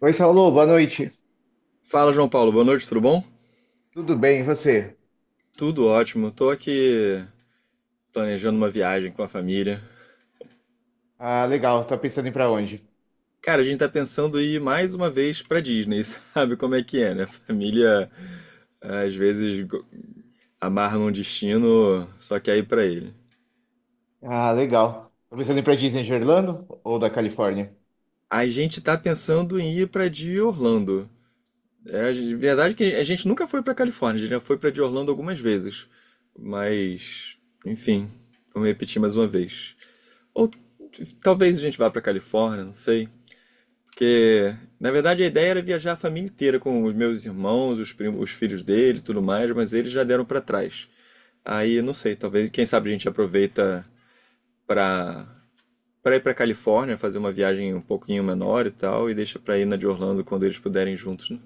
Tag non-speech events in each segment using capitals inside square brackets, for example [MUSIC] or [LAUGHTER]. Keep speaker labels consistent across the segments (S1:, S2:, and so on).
S1: Oi, Saulo, boa noite.
S2: Fala, João Paulo. Boa noite, tudo bom?
S1: Tudo bem, e você?
S2: Tudo ótimo. Tô aqui planejando uma viagem com a família.
S1: Ah, legal. Tá pensando em ir pra onde?
S2: Cara, a gente tá pensando em ir mais uma vez pra Disney, [LAUGHS] sabe como é que é, né? Família às vezes amarra num destino, só quer ir pra ele.
S1: Ah, legal. Tá pensando em ir pra Disney de Orlando ou da Califórnia?
S2: A gente tá pensando em ir pra de Orlando. É verdade é que a gente nunca foi pra Califórnia, a gente já foi pra de Orlando algumas vezes. Mas, enfim, vamos repetir mais uma vez. Ou t- Talvez a gente vá pra Califórnia, não sei. Porque, na verdade, a ideia era viajar a família inteira com os meus irmãos, os primos, os filhos dele, e tudo mais, mas eles já deram pra trás. Aí, não sei, talvez, quem sabe a gente aproveita pra para ir pra Califórnia, fazer uma viagem um pouquinho menor e tal, e deixa pra ir na de Orlando quando eles puderem juntos, né?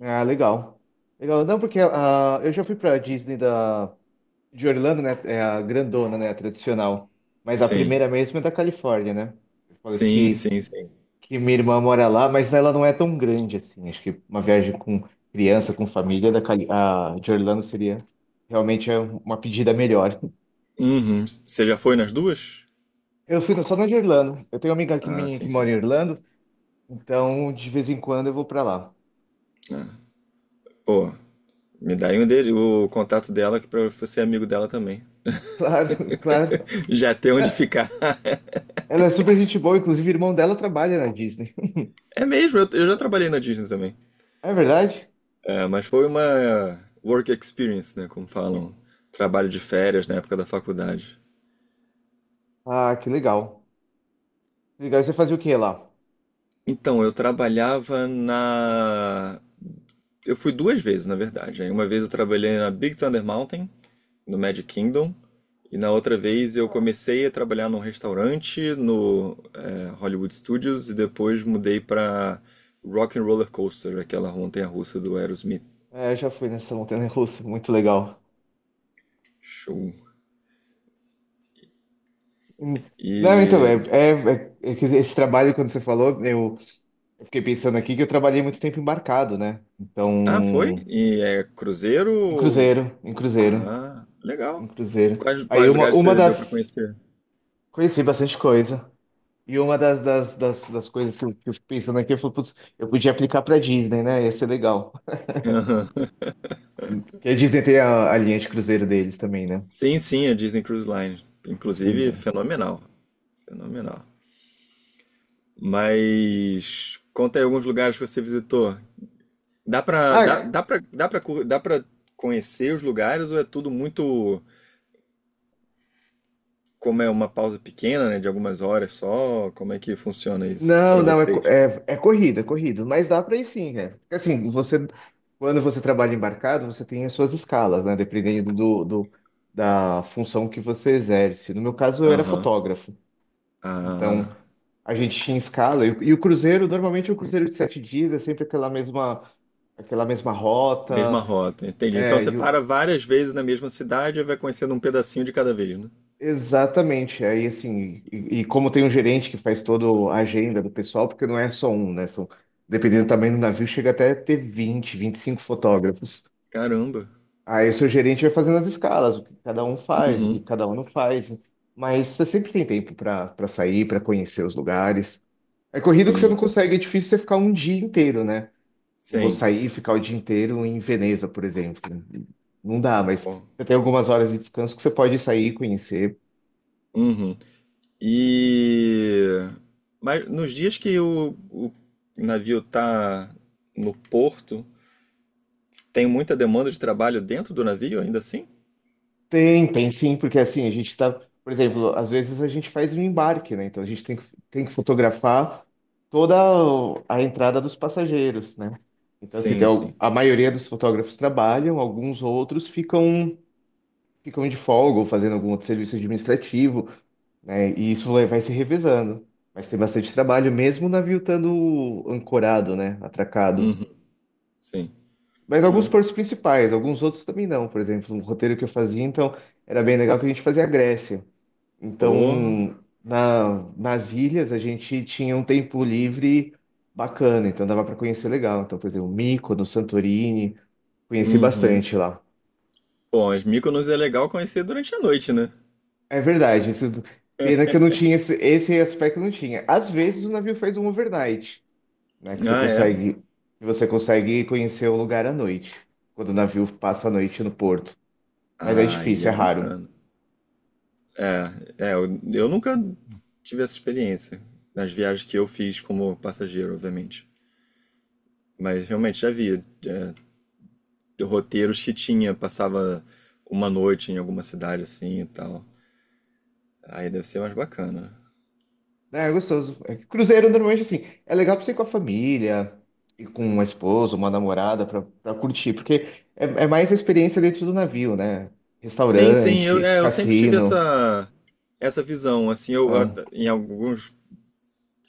S1: Ah, legal. Legal. Não, porque eu já fui pra Disney de Orlando, né? É a grandona, né? A tradicional. Mas a
S2: Sim,
S1: primeira mesmo é da Califórnia, né? Eu falo isso
S2: sim,
S1: que,
S2: sim, sim.
S1: que minha irmã mora lá, mas ela não é tão grande assim. Acho que uma viagem com criança, com família, da Cali, a de Orlando seria realmente uma pedida melhor.
S2: Uhum. Você já foi nas duas?
S1: Eu fui no- Só na de Irlanda. Eu tenho uma amiga que,
S2: Ah,
S1: minha que
S2: sim,
S1: mora em
S2: sim.
S1: Irlanda, então de vez em quando eu vou pra lá.
S2: Ah. Pô, me dá aí um dele, o contato dela, que pra eu ser amigo dela também.
S1: Claro, [LAUGHS] claro.
S2: [LAUGHS] Já tem onde
S1: É,
S2: ficar. [LAUGHS]
S1: ela é super gente boa, inclusive o irmão dela trabalha na Disney. [LAUGHS]
S2: É mesmo, eu já trabalhei na Disney também.
S1: É verdade?
S2: É, mas foi uma work experience, né? Como falam. Trabalho de férias na época da faculdade.
S1: Ah, que legal. Legal, e você fazia o que lá?
S2: Então, eu trabalhava na. Eu fui duas vezes, na verdade. Aí uma vez eu trabalhei na Big Thunder Mountain, no Magic Kingdom. E na outra vez eu comecei a trabalhar num restaurante no é, Hollywood Studios e depois mudei para Rock and Roller Coaster, aquela montanha-russa do Aerosmith.
S1: É, eu já fui nessa montanha russa, muito legal.
S2: Show.
S1: Hum. Não, então,
S2: E
S1: é, é, é, é que esse trabalho, quando você falou, eu fiquei pensando aqui que eu trabalhei muito tempo embarcado, né?
S2: ah, foi?
S1: Então,
S2: E é cruzeiro
S1: em
S2: ou
S1: cruzeiro, em cruzeiro,
S2: Ah,
S1: em
S2: legal.
S1: cruzeiro.
S2: Quais,
S1: Aí
S2: quais lugares
S1: uma
S2: você deu para
S1: das.
S2: conhecer?
S1: Conheci bastante coisa. E uma das coisas que eu fico pensando aqui, eu falo, putz, eu podia aplicar pra Disney, né? Ia ser legal.
S2: [LAUGHS] Aham.
S1: [LAUGHS] Porque a Disney tem a linha de cruzeiro deles também, né?
S2: Sim, sim, a Disney Cruise Line.
S1: As coisas,
S2: Inclusive,
S1: né?
S2: fenomenal. Fenomenal. Mas conta aí alguns lugares que você visitou.
S1: Ah,
S2: Dá pra conhecer os lugares ou é tudo muito, como é uma pausa pequena, né, de algumas horas só? Como é que funciona isso
S1: não,
S2: pra
S1: não, é, co-
S2: vocês?
S1: é, é corrida, é corrida. Mas dá pra ir sim, né? Porque assim, quando você trabalha embarcado, você tem as suas escalas, né? Dependendo da função que você exerce. No meu caso, eu era
S2: Aham.
S1: fotógrafo. Então,
S2: Ah,
S1: a gente tinha escala. E o cruzeiro, normalmente, o cruzeiro de 7 dias, é sempre aquela mesma
S2: mesma
S1: rota.
S2: rota, entendi. Então
S1: É,
S2: você
S1: e o-
S2: para várias vezes na mesma cidade e vai conhecendo um pedacinho de cada vez, né?
S1: Exatamente. Aí, assim, como tem um gerente que faz toda a agenda do pessoal, porque não é só um, né? São, dependendo do tamanho do navio, chega até a ter 20, 25 fotógrafos.
S2: Caramba.
S1: Aí o seu gerente vai fazendo as escalas, o que cada um faz, o que
S2: Uhum.
S1: cada um não faz. Mas você sempre tem tempo para sair, para conhecer os lugares. É corrido que você não
S2: Sim,
S1: consegue, é difícil você ficar um dia inteiro, né? Vou
S2: sim.
S1: sair e ficar o dia inteiro em Veneza, por exemplo. Não dá, mas
S2: Pô.
S1: você tem algumas horas de descanso que você pode sair conhecer.
S2: Uhum. E mas nos dias que o navio tá no porto, tem muita demanda de trabalho dentro do navio ainda assim?
S1: Tem, tem sim, porque assim, por exemplo, às vezes a gente faz um embarque, né? Então a gente tem que fotografar toda a entrada dos passageiros, né? Então, assim,
S2: Sim, sim.
S1: a maioria dos fotógrafos trabalham, alguns outros ficam, ficam de folga ou fazendo algum outro serviço administrativo, né? E isso vai se revezando. Mas tem bastante trabalho, mesmo o navio estando ancorado, né? Atracado.
S2: Uhum, sim.
S1: Mas alguns
S2: Uhum.
S1: portos principais, alguns outros também não. Por exemplo, um roteiro que eu fazia, então, era bem legal que a gente fazia a Grécia. Então,
S2: Pô.
S1: nas ilhas a gente tinha um tempo livre bacana, então dava para conhecer legal. Então, por exemplo, Mykonos, Santorini, conheci
S2: Uhum.
S1: bastante lá.
S2: Bom, as Mykonos é legal conhecer durante a noite, né?
S1: É verdade, isso, pena que eu não tinha esse aspecto eu não tinha. Às vezes o navio faz um overnight, né, que você
S2: Ah, é.
S1: consegue que você consegue conhecer o lugar à noite, quando o navio passa a noite no porto. Mas é
S2: Ah, aí é
S1: difícil, é raro.
S2: bacana. É, é, eu nunca tive essa experiência nas viagens que eu fiz como passageiro, obviamente. Mas realmente já vi é, roteiros que tinha, passava uma noite em alguma cidade assim e tal. Aí deve ser mais bacana.
S1: É, é gostoso. É que cruzeiro normalmente assim, é legal pra você ir com a família, ir com uma esposa, uma namorada pra curtir, porque é mais a experiência dentro do navio, né?
S2: Sim, sim, eu,
S1: Restaurante,
S2: é, eu sempre tive
S1: cassino.
S2: essa, essa visão, assim,
S1: Ah,
S2: em alguns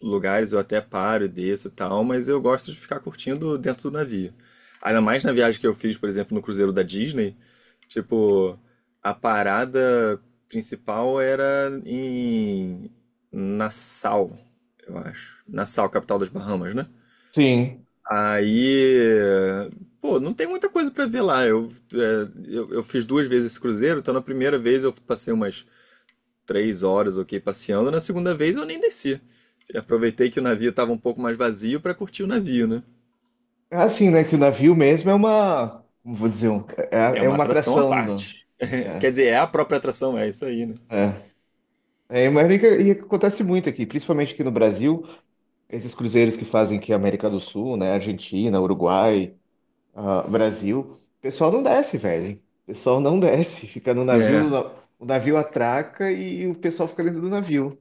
S2: lugares eu até paro, e desço e tal, mas eu gosto de ficar curtindo dentro do navio. Ainda mais na viagem que eu fiz, por exemplo, no cruzeiro da Disney, tipo, a parada principal era em Nassau, eu acho. Nassau, capital das Bahamas, né?
S1: sim.
S2: Aí, pô, não tem muita coisa pra ver lá. Eu, é, eu fiz duas vezes esse cruzeiro, então na primeira vez eu passei umas 3 horas, ok, passeando. Na segunda vez eu nem desci. Aproveitei que o navio estava um pouco mais vazio para curtir o navio, né?
S1: É assim, né? Que o navio mesmo é uma, como vou dizer, um-
S2: É
S1: é, é
S2: uma
S1: uma
S2: atração à
S1: atração
S2: parte. [LAUGHS]
S1: é,
S2: Quer dizer, é a própria atração, é isso aí, né?
S1: é. É, mas que acontece muito aqui, principalmente aqui no Brasil, esses cruzeiros que fazem aqui a América do Sul, né? Argentina, Uruguai, ah, Brasil, o pessoal não desce, velho. O pessoal não desce. Fica no navio,
S2: É,
S1: o navio atraca e o pessoal fica dentro do navio.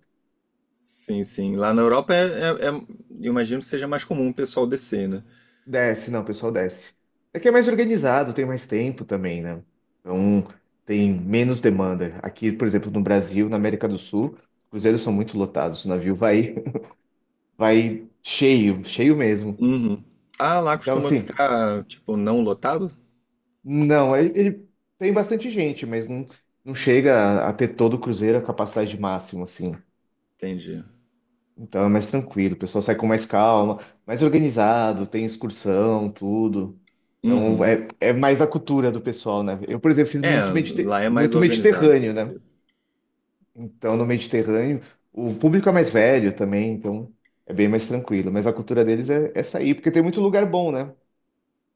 S2: sim, sim. Lá na Europa é, eu imagino que seja mais comum o pessoal descer, né?
S1: Desce, não, o pessoal desce. Aqui é mais organizado, tem mais tempo também, né? Então tem menos demanda. Aqui, por exemplo, no Brasil, na América do Sul, os cruzeiros são muito lotados. O navio vai, [LAUGHS] vai cheio, cheio mesmo.
S2: Uhum. Ah, lá
S1: Então,
S2: costuma
S1: assim,
S2: ficar, tipo, não lotado?
S1: não, ele ele- tem bastante gente, mas não, não chega a ter todo o cruzeiro a capacidade máxima, assim.
S2: Entendi.
S1: Então é mais tranquilo, o pessoal sai com mais calma, mais organizado, tem excursão, tudo. Então
S2: Uhum.
S1: é mais a cultura do pessoal, né? Eu, por exemplo, fiz
S2: É,
S1: muito, medite-
S2: lá é mais
S1: muito
S2: organizado, com
S1: Mediterrâneo, né?
S2: certeza.
S1: Então no Mediterrâneo o público é mais velho também, então é bem mais tranquilo. Mas a cultura deles é sair, porque tem muito lugar bom, né?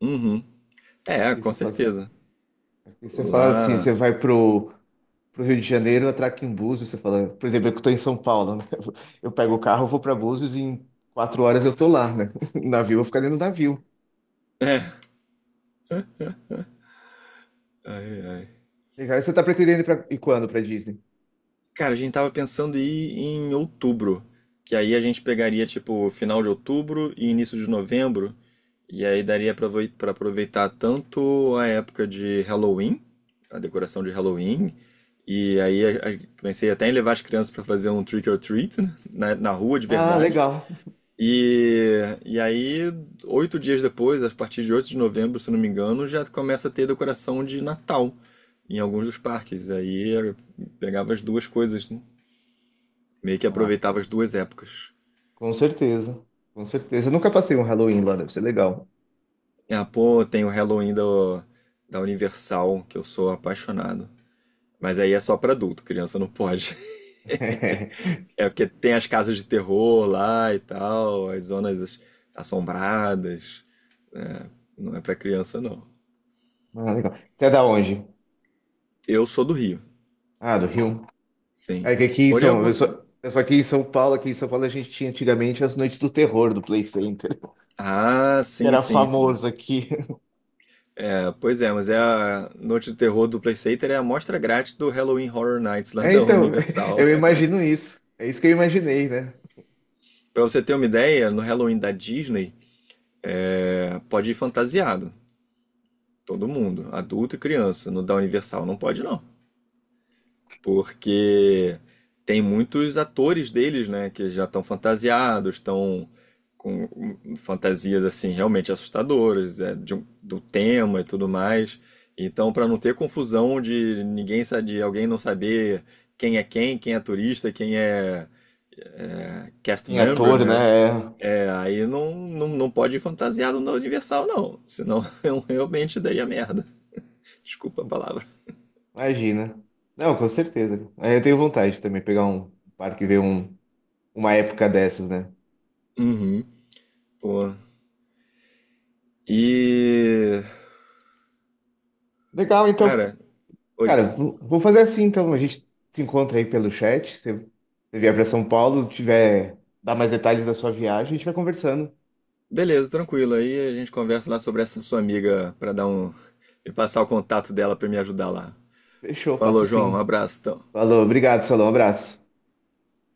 S2: Uhum. É,
S1: Aqui
S2: com
S1: você fala, assim-
S2: certeza.
S1: aqui você fala assim,
S2: Lá.
S1: você vai pro Rio de Janeiro, eu atraco em Búzios, você fala, por exemplo, eu que tô em São Paulo, né? [LAUGHS] Eu pego o carro, vou para Búzios e em 4 horas eu tô lá, né? [LAUGHS] No navio, eu vou ficar dentro do navio.
S2: É. Ai, ai.
S1: Legal. E você tá pretendendo e quando para Disney?
S2: Cara, a gente tava pensando em ir em outubro, que aí a gente pegaria tipo final de outubro e início de novembro, e aí daria pra aproveitar tanto a época de Halloween, a decoração de Halloween, e aí pensei até em levar as crianças pra fazer um trick or treat, né, na rua de
S1: Ah,
S2: verdade.
S1: legal.
S2: E, e aí, 8 dias depois, a partir de 8 de novembro, se não me engano, já começa a ter decoração de Natal em alguns dos parques. Aí eu pegava as duas coisas, né? Meio que
S1: Ah,
S2: aproveitava as duas épocas.
S1: com certeza. Com certeza. Eu nunca passei um Halloween lá, deve ser legal.
S2: Ah, pô, tem o Halloween do, da Universal, que eu sou apaixonado. Mas aí é só pra adulto, criança não pode. [LAUGHS]
S1: [LAUGHS]
S2: É porque tem as casas de terror lá e tal, assombradas. Né? Não é pra criança, não.
S1: Ah, legal. Até da onde?
S2: Eu sou do Rio,
S1: Ah, do Rio.
S2: sim.
S1: É que aqui em
S2: Morei
S1: São... Eu só...
S2: algum.
S1: Eu sou aqui em São Paulo, aqui em São Paulo a gente tinha antigamente as noites do terror do Play Center,
S2: Ah,
S1: [LAUGHS] que
S2: sim,
S1: era
S2: sim, sim.
S1: famoso aqui.
S2: É, pois é, mas é a Noite do Terror do Playstater é a amostra grátis do Halloween Horror Nights lá
S1: É,
S2: da
S1: então, [LAUGHS]
S2: Universal.
S1: eu
S2: [LAUGHS]
S1: imagino isso. É isso que eu imaginei, né?
S2: Pra você ter uma ideia, no Halloween da Disney, é, pode ir fantasiado, todo mundo, adulto e criança. No da Universal não pode não, porque tem muitos atores deles, né, que já estão fantasiados, estão com fantasias assim realmente assustadoras, é, do tema e tudo mais. Então, para não ter confusão de de alguém não saber quem é quem, quem é turista, quem é, é, cast
S1: Em
S2: member,
S1: ator,
S2: né?
S1: né? É,
S2: É, aí não, não, não pode ir fantasiado na Universal, não. Senão [LAUGHS] eu realmente daria merda. Desculpa a palavra.
S1: imagina. Não, com certeza. É, eu tenho vontade também de pegar um parque e ver uma época dessas, né?
S2: Uhum. Pô. E.
S1: Legal, então.
S2: Cara, oi.
S1: Cara, vou fazer assim, então. A gente se encontra aí pelo chat. Se você vier para São Paulo, dar mais detalhes da sua viagem, a gente vai conversando.
S2: Beleza, tranquilo. Aí a gente conversa lá sobre essa sua amiga pra dar um. E passar o contato dela pra me ajudar lá.
S1: Fechou, passo
S2: Falou, João. Um
S1: sim.
S2: abraço, então.
S1: Falou, obrigado, Salão. Um abraço.